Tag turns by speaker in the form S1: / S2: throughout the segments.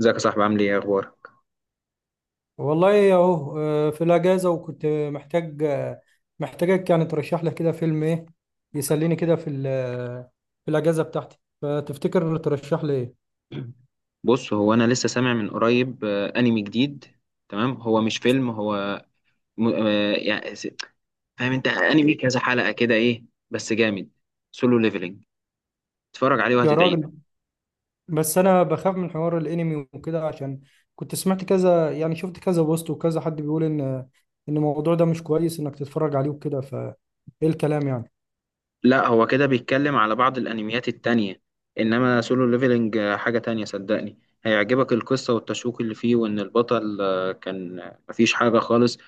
S1: ازيك يا صاحبي؟ عامل ايه؟ اخبارك؟
S2: والله اهو، في الاجازه، وكنت محتاجك. يعني ترشح لي كده فيلم ايه يسليني كده في ال- آه، في الاجازه بتاعتي، فتفتكر ترشح لي ايه؟
S1: بص، هو انا لسه سامع من قريب انمي جديد. تمام، هو مش فيلم. هو م... آه، يعني س- فاهم؟ انت انمي كذا حلقة كده ايه، بس جامد. سولو ليفلنج، اتفرج عليه
S2: يا
S1: وهتدعي.
S2: راجل، بس انا بخاف من حوار الانمي وكده، عشان كنت سمعت كذا، يعني شفت كذا بوست وكذا حد بيقول ان الموضوع ده مش كويس انك تتفرج عليه وكده، فايه الكلام يعني؟
S1: لا، هو كده بيتكلم على بعض الانميات التانية، انما سولو ليفلنج حاجة تانية. صدقني هيعجبك القصة والتشويق اللي فيه، وان البطل كان مفيش حاجة خالص،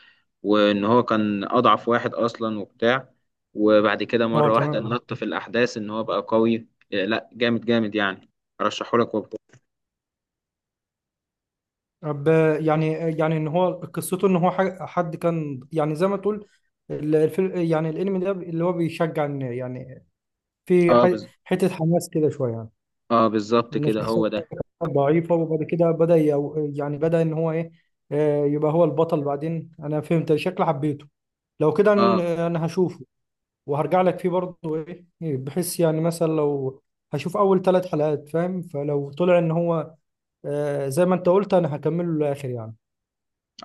S1: وان هو كان اضعف واحد اصلا وبتاع، وبعد كده
S2: اه،
S1: مرة واحدة
S2: تمام.
S1: نط في الاحداث ان هو بقى قوي. لا، جامد جامد يعني. ارشحهولك وبقى.
S2: يعني ان هو قصته، ان هو حد كان، يعني زي ما تقول الفيلم، يعني الانمي ده اللي هو بيشجع ان يعني في
S1: اه بز...
S2: حته حماس كده شويه يعني.
S1: اه، بالظبط
S2: ان
S1: كده
S2: الشخصيه
S1: هو ده.
S2: ضعيفه، وبعد كده بدا يعني بدا ان هو ايه، يبقى هو البطل بعدين. انا فهمت شكل حبيته. لو كده
S1: اه،
S2: انا هشوفه، وهرجع لك فيه برضه ايه. بحيث يعني مثلا لو هشوف اول ثلاث حلقات فاهم، فلو طلع ان هو زي ما انت قلت، انا هكمله للاخر يعني.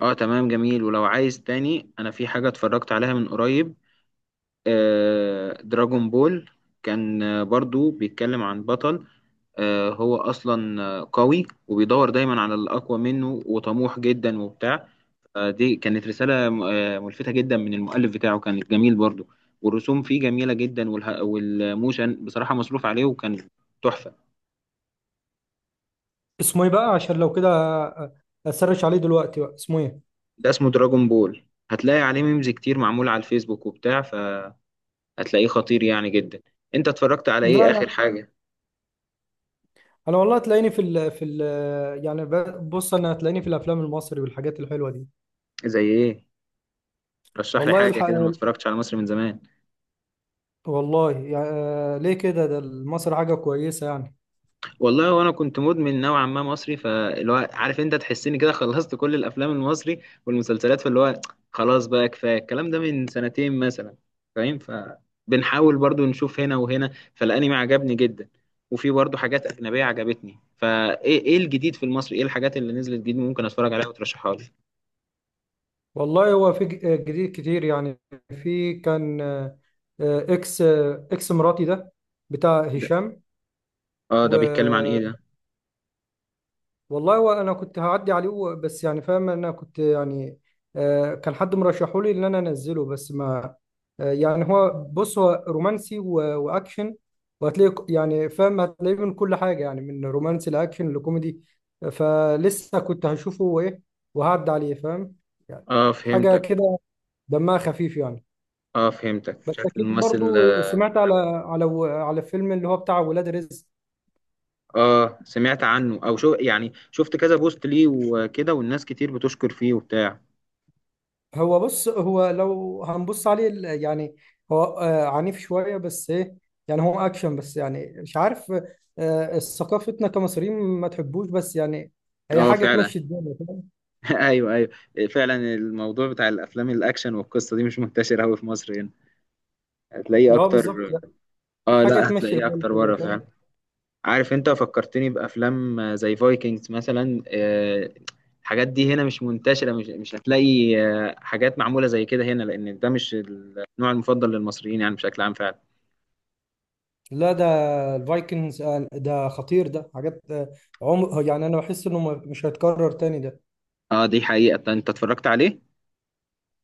S1: اه تمام، جميل. ولو عايز تاني، انا في حاجة اتفرجت عليها من قريب، دراجون بول. كان برضو بيتكلم عن بطل، هو أصلا قوي، وبيدور دايما على الأقوى منه، وطموح جدا وبتاع. فدي كانت رسالة ملفتة جدا من المؤلف بتاعه، كانت جميل برضو. والرسوم فيه جميلة جدا، والموشن بصراحة مصروف عليه، وكان تحفة.
S2: اسمه ايه بقى؟ عشان لو كده، اسرش عليه دلوقتي. بقى اسمه ايه؟
S1: ده اسمه دراجون بول. هتلاقي عليه ميمز كتير معمولة على الفيسبوك وبتاع، فهتلاقيه خطير يعني جدا. انت اتفرجت على
S2: لا،
S1: ايه آخر
S2: لا،
S1: حاجة؟
S2: انا والله هتلاقيني في ال في ال يعني ب- بص، انا هتلاقيني في الافلام المصري والحاجات الحلوه دي.
S1: زي ايه؟ رشح لي
S2: والله
S1: حاجه
S2: الحق.
S1: كده، انا ما اتفرجتش على مصري من زمان.
S2: والله يعني، ليه كده؟ ده مصر حاجه كويسه يعني.
S1: والله، وانا كنت مدمن نوعا ما مصري، فاللي هو عارف انت تحسني كده خلصت كل الافلام المصري والمسلسلات، فاللي هو خلاص بقى كفايه الكلام ده من سنتين مثلا. فاهم، فبنحاول برضو نشوف هنا وهنا. فالانمي عجبني جدا، وفي برضو حاجات اجنبيه عجبتني. فايه، ايه إيه الجديد في المصري؟ ايه الحاجات اللي نزلت جديد ممكن اتفرج عليها وترشحها لي؟
S2: والله هو في جديد كتير يعني. في كان اكس مراتي ده، بتاع
S1: ده؟
S2: هشام.
S1: اه، ده بيتكلم عن ايه ده؟
S2: والله وانا كنت هعدي عليه، بس يعني فاهم انا كنت يعني كان حد مرشحه لي ان انا انزله. بس ما آه، يعني هو، بص، هو رومانسي واكشن، وهتلاقي يعني فاهم هتلاقيه من كل حاجه، يعني من رومانسي لاكشن لكوميدي. فلسه كنت هشوفه وايه، وهعدي عليه فاهم يعني.
S1: اه،
S2: حاجه
S1: فهمتك.
S2: كده دمها خفيف يعني.
S1: اه، فهمتك
S2: بس
S1: شكل
S2: اكيد
S1: الممثل.
S2: برضو سمعت على فيلم اللي هو بتاع ولاد رزق.
S1: اه، سمعت عنه او شو يعني، شفت كذا بوست ليه وكده، والناس كتير بتشكر فيه وبتاع.
S2: هو، بص، هو لو هنبص عليه يعني، هو عنيف شوية، بس ايه، يعني هو اكشن، بس يعني مش عارف، ثقافتنا كمصريين ما تحبوش، بس يعني هي
S1: اه،
S2: حاجة
S1: فعلا.
S2: تمشي الدنيا، فاهم.
S1: ايوه ايوه، فعلا الموضوع بتاع الافلام الاكشن والقصه دي مش منتشر قوي في مصر هنا، هتلاقيه
S2: اه، بالظبط،
S1: اكتر.
S2: لا،
S1: اه،
S2: حاجة
S1: لا،
S2: تمشي
S1: هتلاقيه
S2: الحال
S1: اكتر
S2: كده،
S1: بره
S2: فاهم.
S1: فعلا. عارف، انت فكرتني بافلام زي فايكنجز مثلا. الحاجات دي هنا مش منتشره، مش هتلاقي حاجات معموله زي كده هنا، لان ده مش النوع المفضل للمصريين يعني بشكل عام فعلا.
S2: لا، ده الفايكنجز، ده خطير، ده حاجات. عمر يعني، انا بحس انه مش هيتكرر تاني ده.
S1: اه، دي حقيقه. انت اتفرجت عليه؟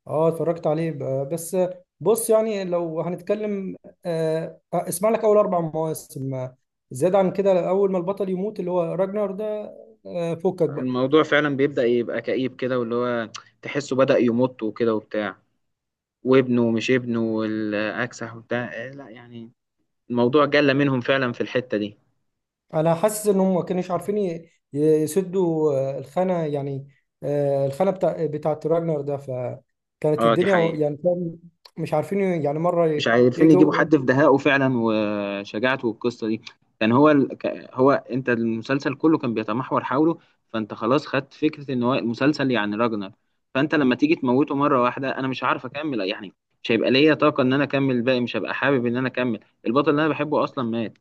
S2: اه، اتفرجت عليه بس. بص، يعني لو هنتكلم، اسمع لك اول اربع مواسم. زيادة عن كده، اول ما البطل يموت اللي هو راجنر ده، فكك بقى.
S1: الموضوع فعلا بيبدأ يبقى كئيب كده، واللي هو تحسه بدأ يمط وكده وبتاع، وابنه ومش ابنه والأكسح وبتاع. لا يعني، الموضوع جل منهم فعلا في الحتة دي.
S2: انا حاسس ان هم ما كانوش عارفين يسدوا الخانة يعني، الخانة بتاعت راجنر ده، فكانت
S1: اه، دي
S2: الدنيا
S1: حقيقة.
S2: يعني، فاهم. مش عارفين يعني مرة
S1: مش عارفين يجيبوا
S2: يجوا.
S1: حد في دهائه فعلا وشجاعته، والقصة دي كان هو هو انت، المسلسل كله كان بيتمحور حوله. فانت خلاص خدت فكرة ان هو المسلسل يعني راجنر، فانت لما تيجي تموته مرة واحدة انا مش عارف اكمل يعني. مش هيبقى ليا طاقة ان انا اكمل الباقي، مش هبقى حابب ان انا اكمل. البطل اللي انا بحبه اصلا مات.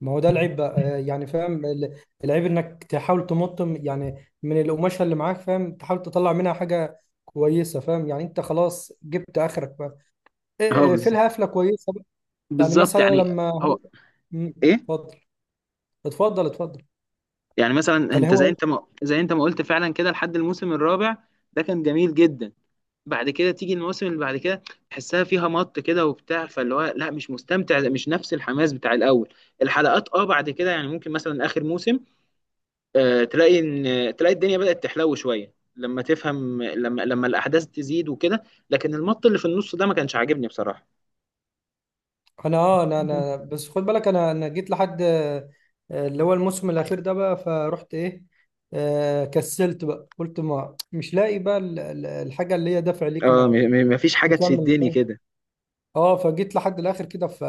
S2: ما هو ده العيب بقى، يعني فاهم، العيب انك تحاول تمط، يعني من القماشه اللي معاك فاهم. تحاول تطلع منها حاجه كويسه فاهم، يعني انت خلاص جبت اخرك بقى،
S1: اه
S2: في
S1: بالظ-
S2: الهفله كويسه بقى. يعني
S1: بالظبط
S2: مثلا
S1: يعني.
S2: لما
S1: هو
S2: هو. مم،
S1: ايه؟
S2: اتفضل. اتفضل، اتفضل.
S1: يعني مثلا
S2: يعني
S1: انت
S2: هو.
S1: زي انت ما قلت، فعلا كده لحد الموسم الرابع ده كان جميل جدا. بعد كده تيجي الموسم اللي بعد كده، تحسها فيها مط كده وبتاع، فاللي هو لا، مش مستمتع، مش نفس الحماس بتاع الاول الحلقات. اه، بعد كده يعني ممكن مثلا اخر موسم تلاقي ان تلاقي الدنيا بدأت تحلو شويه، لما تفهم، لما الاحداث تزيد وكده. لكن المط اللي في النص ده ما كانش عاجبني بصراحه.
S2: انا بس خد بالك، انا جيت لحد اللي هو الموسم الاخير ده بقى، فرحت ايه. كسلت بقى، قلت ما مش لاقي بقى الحاجه اللي هي دافع ليك
S1: اه،
S2: انك
S1: مفيش حاجه
S2: تكمل.
S1: تشدني كده.
S2: اه، فجيت لحد الاخر كده،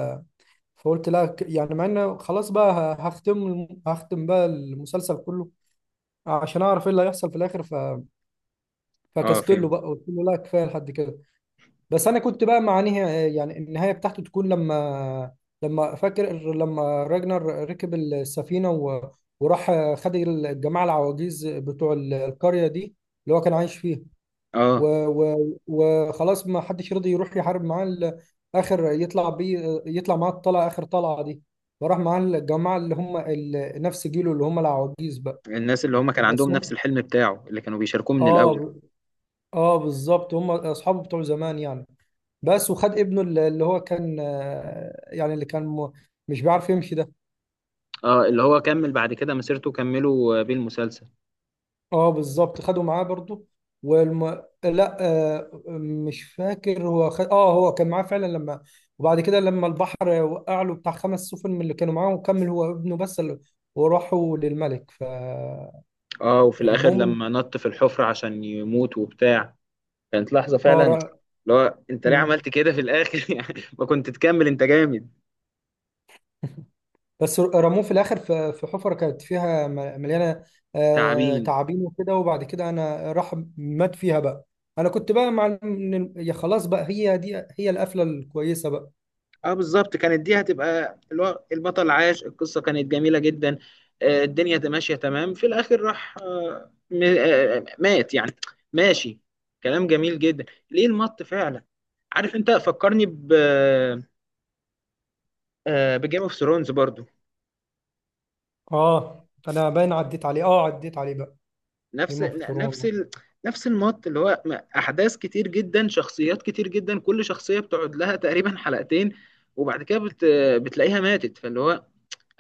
S2: فقلت لا، يعني مع ان خلاص بقى هختم هختم بقى المسلسل كله عشان اعرف ايه اللي هيحصل في الاخر،
S1: اه،
S2: فكست له
S1: فهمت.
S2: بقى، قلت له لا، كفايه لحد كده. بس انا كنت بقى مع نهاية، يعني النهايه بتاعته تكون لما، فاكر لما راجنر ركب السفينه وراح، خد الجماعه العواجيز بتوع القريه دي اللي هو كان عايش فيها.
S1: اه،
S2: وخلاص ما حدش رضي يروح يحارب معاه اخر يطلع معاه الطلعه، اخر طلعه دي. فراح معاه الجماعه اللي هم نفس جيله، اللي هم العواجيز بقى.
S1: الناس اللي هم كان
S2: بس
S1: عندهم نفس
S2: هم،
S1: الحلم بتاعه اللي كانوا بيشاركوه من الاول.
S2: اه، اه بالظبط، هم اصحابه بتوع زمان يعني. بس وخد ابنه اللي هو كان، يعني اللي كان مش بيعرف يمشي ده.
S1: اه، اللي هو كمل بعد كده مسيرته، كملوا بيه المسلسل.
S2: اه بالظبط، خدوا معاه برضو. لا، مش فاكر هو اه، هو كان معاه فعلا. لما، وبعد كده لما البحر وقع له، بتاع خمس سفن من اللي كانوا معاه، وكمل هو ابنه بس وراحوا للملك، فالمهم.
S1: اه، وفي
S2: ال-
S1: الاخر لما نط في الحفرة عشان يموت وبتاع، كانت لحظة
S2: اه
S1: فعلا. اللي
S2: ر...
S1: هو انت ليه
S2: مم.
S1: عملت كده في الاخر؟ يعني ما كنت تكمل، انت جامد.
S2: بس رموه في الاخر في حفره كانت فيها مليانه
S1: تعبين.
S2: تعابين وكده، وبعد كده انا راح مات فيها بقى. انا كنت بقى مع يا، خلاص بقى، هي دي هي القفله الكويسه بقى.
S1: اه، بالظبط، كانت دي هتبقى اللي هو البطل عاش القصه، كانت جميله جدا. الدنيا ماشيه تمام، في الاخر راح مات يعني. ماشي، كلام جميل جدا. ليه المط فعلا؟ عارف، انت فكرني ب بجيم اوف ثرونز برضو.
S2: اه، انا باين عديت عليه بقى.
S1: نفس
S2: جيم اوف
S1: ن- نفس
S2: ثرون.
S1: ال... نفس المط اللي هو احداث كتير جدا، شخصيات كتير جدا، كل شخصيه بتقعد لها تقريبا حلقتين، وبعد كده بتلاقيها ماتت، فاللي هو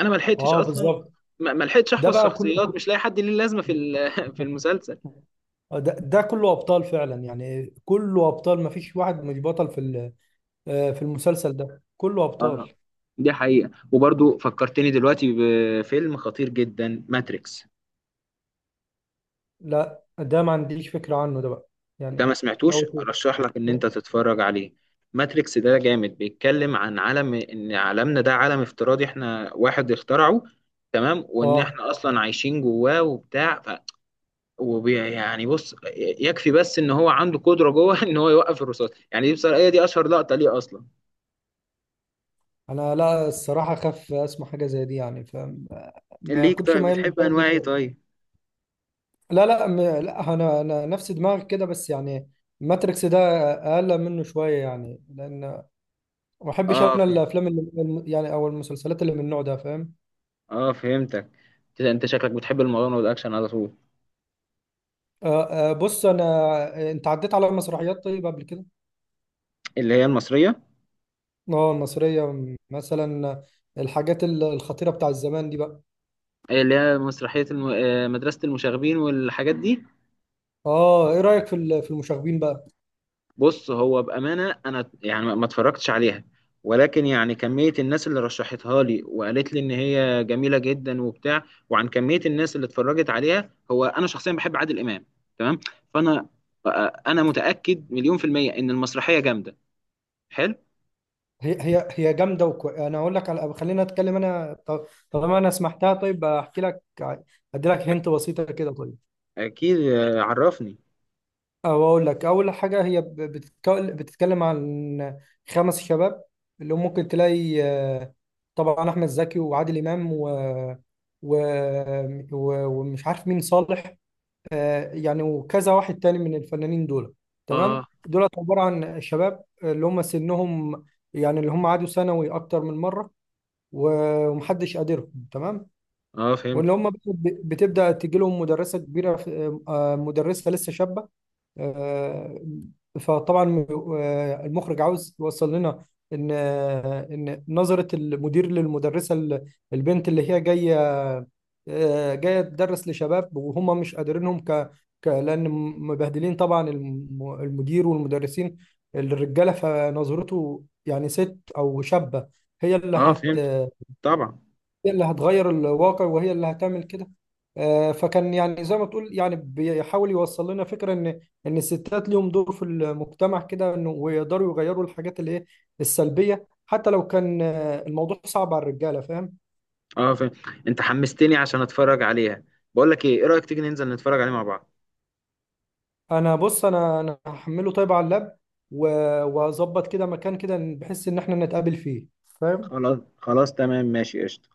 S1: انا ما لحقتش
S2: اه
S1: اصلا.
S2: بالظبط.
S1: ما لحقتش
S2: ده
S1: احفظ
S2: بقى كله
S1: شخصيات، مش لاقي حد ليه لازمه في ال- في المسلسل.
S2: ده كله ابطال فعلا، يعني كله ابطال، ما فيش واحد مش بطل في ال- آه، في المسلسل، ده كله
S1: اه،
S2: ابطال.
S1: دي حقيقة. وبرضو فكرتني دلوقتي بفيلم خطير جدا، ماتريكس.
S2: لا، ده ما عنديش فكرة عنه ده بقى،
S1: ده ما
S2: يعني لو
S1: سمعتوش؟
S2: ت-
S1: ارشح لك ان انت
S2: لو-
S1: تتفرج عليه. ماتريكس ده جامد، بيتكلم عن عالم ان عالمنا ده عالم افتراضي، احنا واحد اخترعه تمام، وان
S2: اه،
S1: احنا اصلا عايشين جواه وبتاع يعني بص، يكفي بس ان هو عنده قدرة جوه ان هو يوقف الرصاص. يعني دي بصراحة هي دي اشهر لقطة ليه اصلا.
S2: انا لا، الصراحة، خاف اسمع حاجة زي دي يعني، فما ما
S1: ليك
S2: كنتش
S1: طيب
S2: مايل
S1: بتحب
S2: للجانب ده
S1: انواع ايه
S2: شوية.
S1: طيب؟
S2: لا، لا، لا، انا نفس دماغك كده، بس يعني ماتريكس ده اقل منه شويه يعني، لان ما بحبش
S1: اه،
S2: انا
S1: فهم.
S2: الافلام اللي يعني او المسلسلات اللي من النوع ده، فاهم.
S1: اه، فهمتك. كده انت شكلك بتحب المغامره والاكشن على طول.
S2: بص، انا، انت عديت على مسرحيات طيب قبل كده؟
S1: اللي هي المصريه.
S2: اه، المصريه، مثلا الحاجات الخطيره بتاع الزمان دي بقى.
S1: اللي هي مسرحيه الم... آه، مدرسه المشاغبين والحاجات دي.
S2: اه، ايه رايك في المشاغبين بقى؟
S1: بص، هو بامانه انا يعني ما اتفرجتش عليها، ولكن يعني كميه الناس اللي رشحتها لي وقالت لي ان هي جميله جدا وبتاع، وعن كميه الناس اللي اتفرجت عليها، هو انا شخصيا بحب عادل امام. تمام، فانا انا متاكد 1000000% ان المسرحيه جامده. حلو.
S2: هي جامده، انا اقول لك على، خلينا اتكلم، انا طالما انا سمحتها، طيب احكي لك. ادي لك
S1: أك-
S2: هنت بسيطه كده، طيب.
S1: اكيد، عرفني.
S2: أو أقول لك، أول حاجة، هي بتتكلم عن خمس شباب، اللي هم ممكن تلاقي، طبعا أحمد زكي، وعادل إمام، و... ومش عارف مين صالح. يعني وكذا واحد تاني من الفنانين دول. تمام،
S1: اه،
S2: دول عبارة عن شباب، اللي هم سنهم يعني اللي هم عادوا ثانوي أكتر من مرة، ومحدش قادرهم، تمام.
S1: اه فهمت.
S2: واللي هم بتبدأ تجيلهم مدرسة كبيرة، مدرسة لسه شابة. آه، فطبعا المخرج عاوز يوصل لنا ان نظرة المدير للمدرسة، البنت اللي هي جاية، جاية تدرس لشباب، وهم مش قادرينهم لأن مبهدلين طبعا، المدير والمدرسين، الرجالة، فنظرته يعني ست أو شابة، هي اللي
S1: اه
S2: هت
S1: فهمت، طبعا.
S2: هي اللي هتغير الواقع، وهي اللي هتعمل كده. فكان يعني زي ما تقول، يعني بيحاول يوصل لنا فكرة ان الستات ليهم دور في المجتمع كده، انه ويقدروا يغيروا الحاجات اللي ايه السلبية، حتى لو كان الموضوع صعب على الرجالة، فاهم.
S1: اه فهمت، انت حمستني عشان اتفرج عليها. بقول لك ايه، ايه رأيك تيجي ننزل نتفرج عليه مع بعض؟
S2: انا، بص، انا هحمله طيب على اللاب، و- واظبط كده مكان كده بحيث ان احنا نتقابل فيه، فاهم.
S1: خلاص خلاص تمام، ماشي قشطة.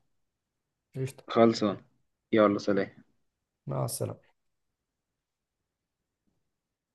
S2: قشطة.
S1: خلصان. يلا، سلام.
S2: مع السلامة.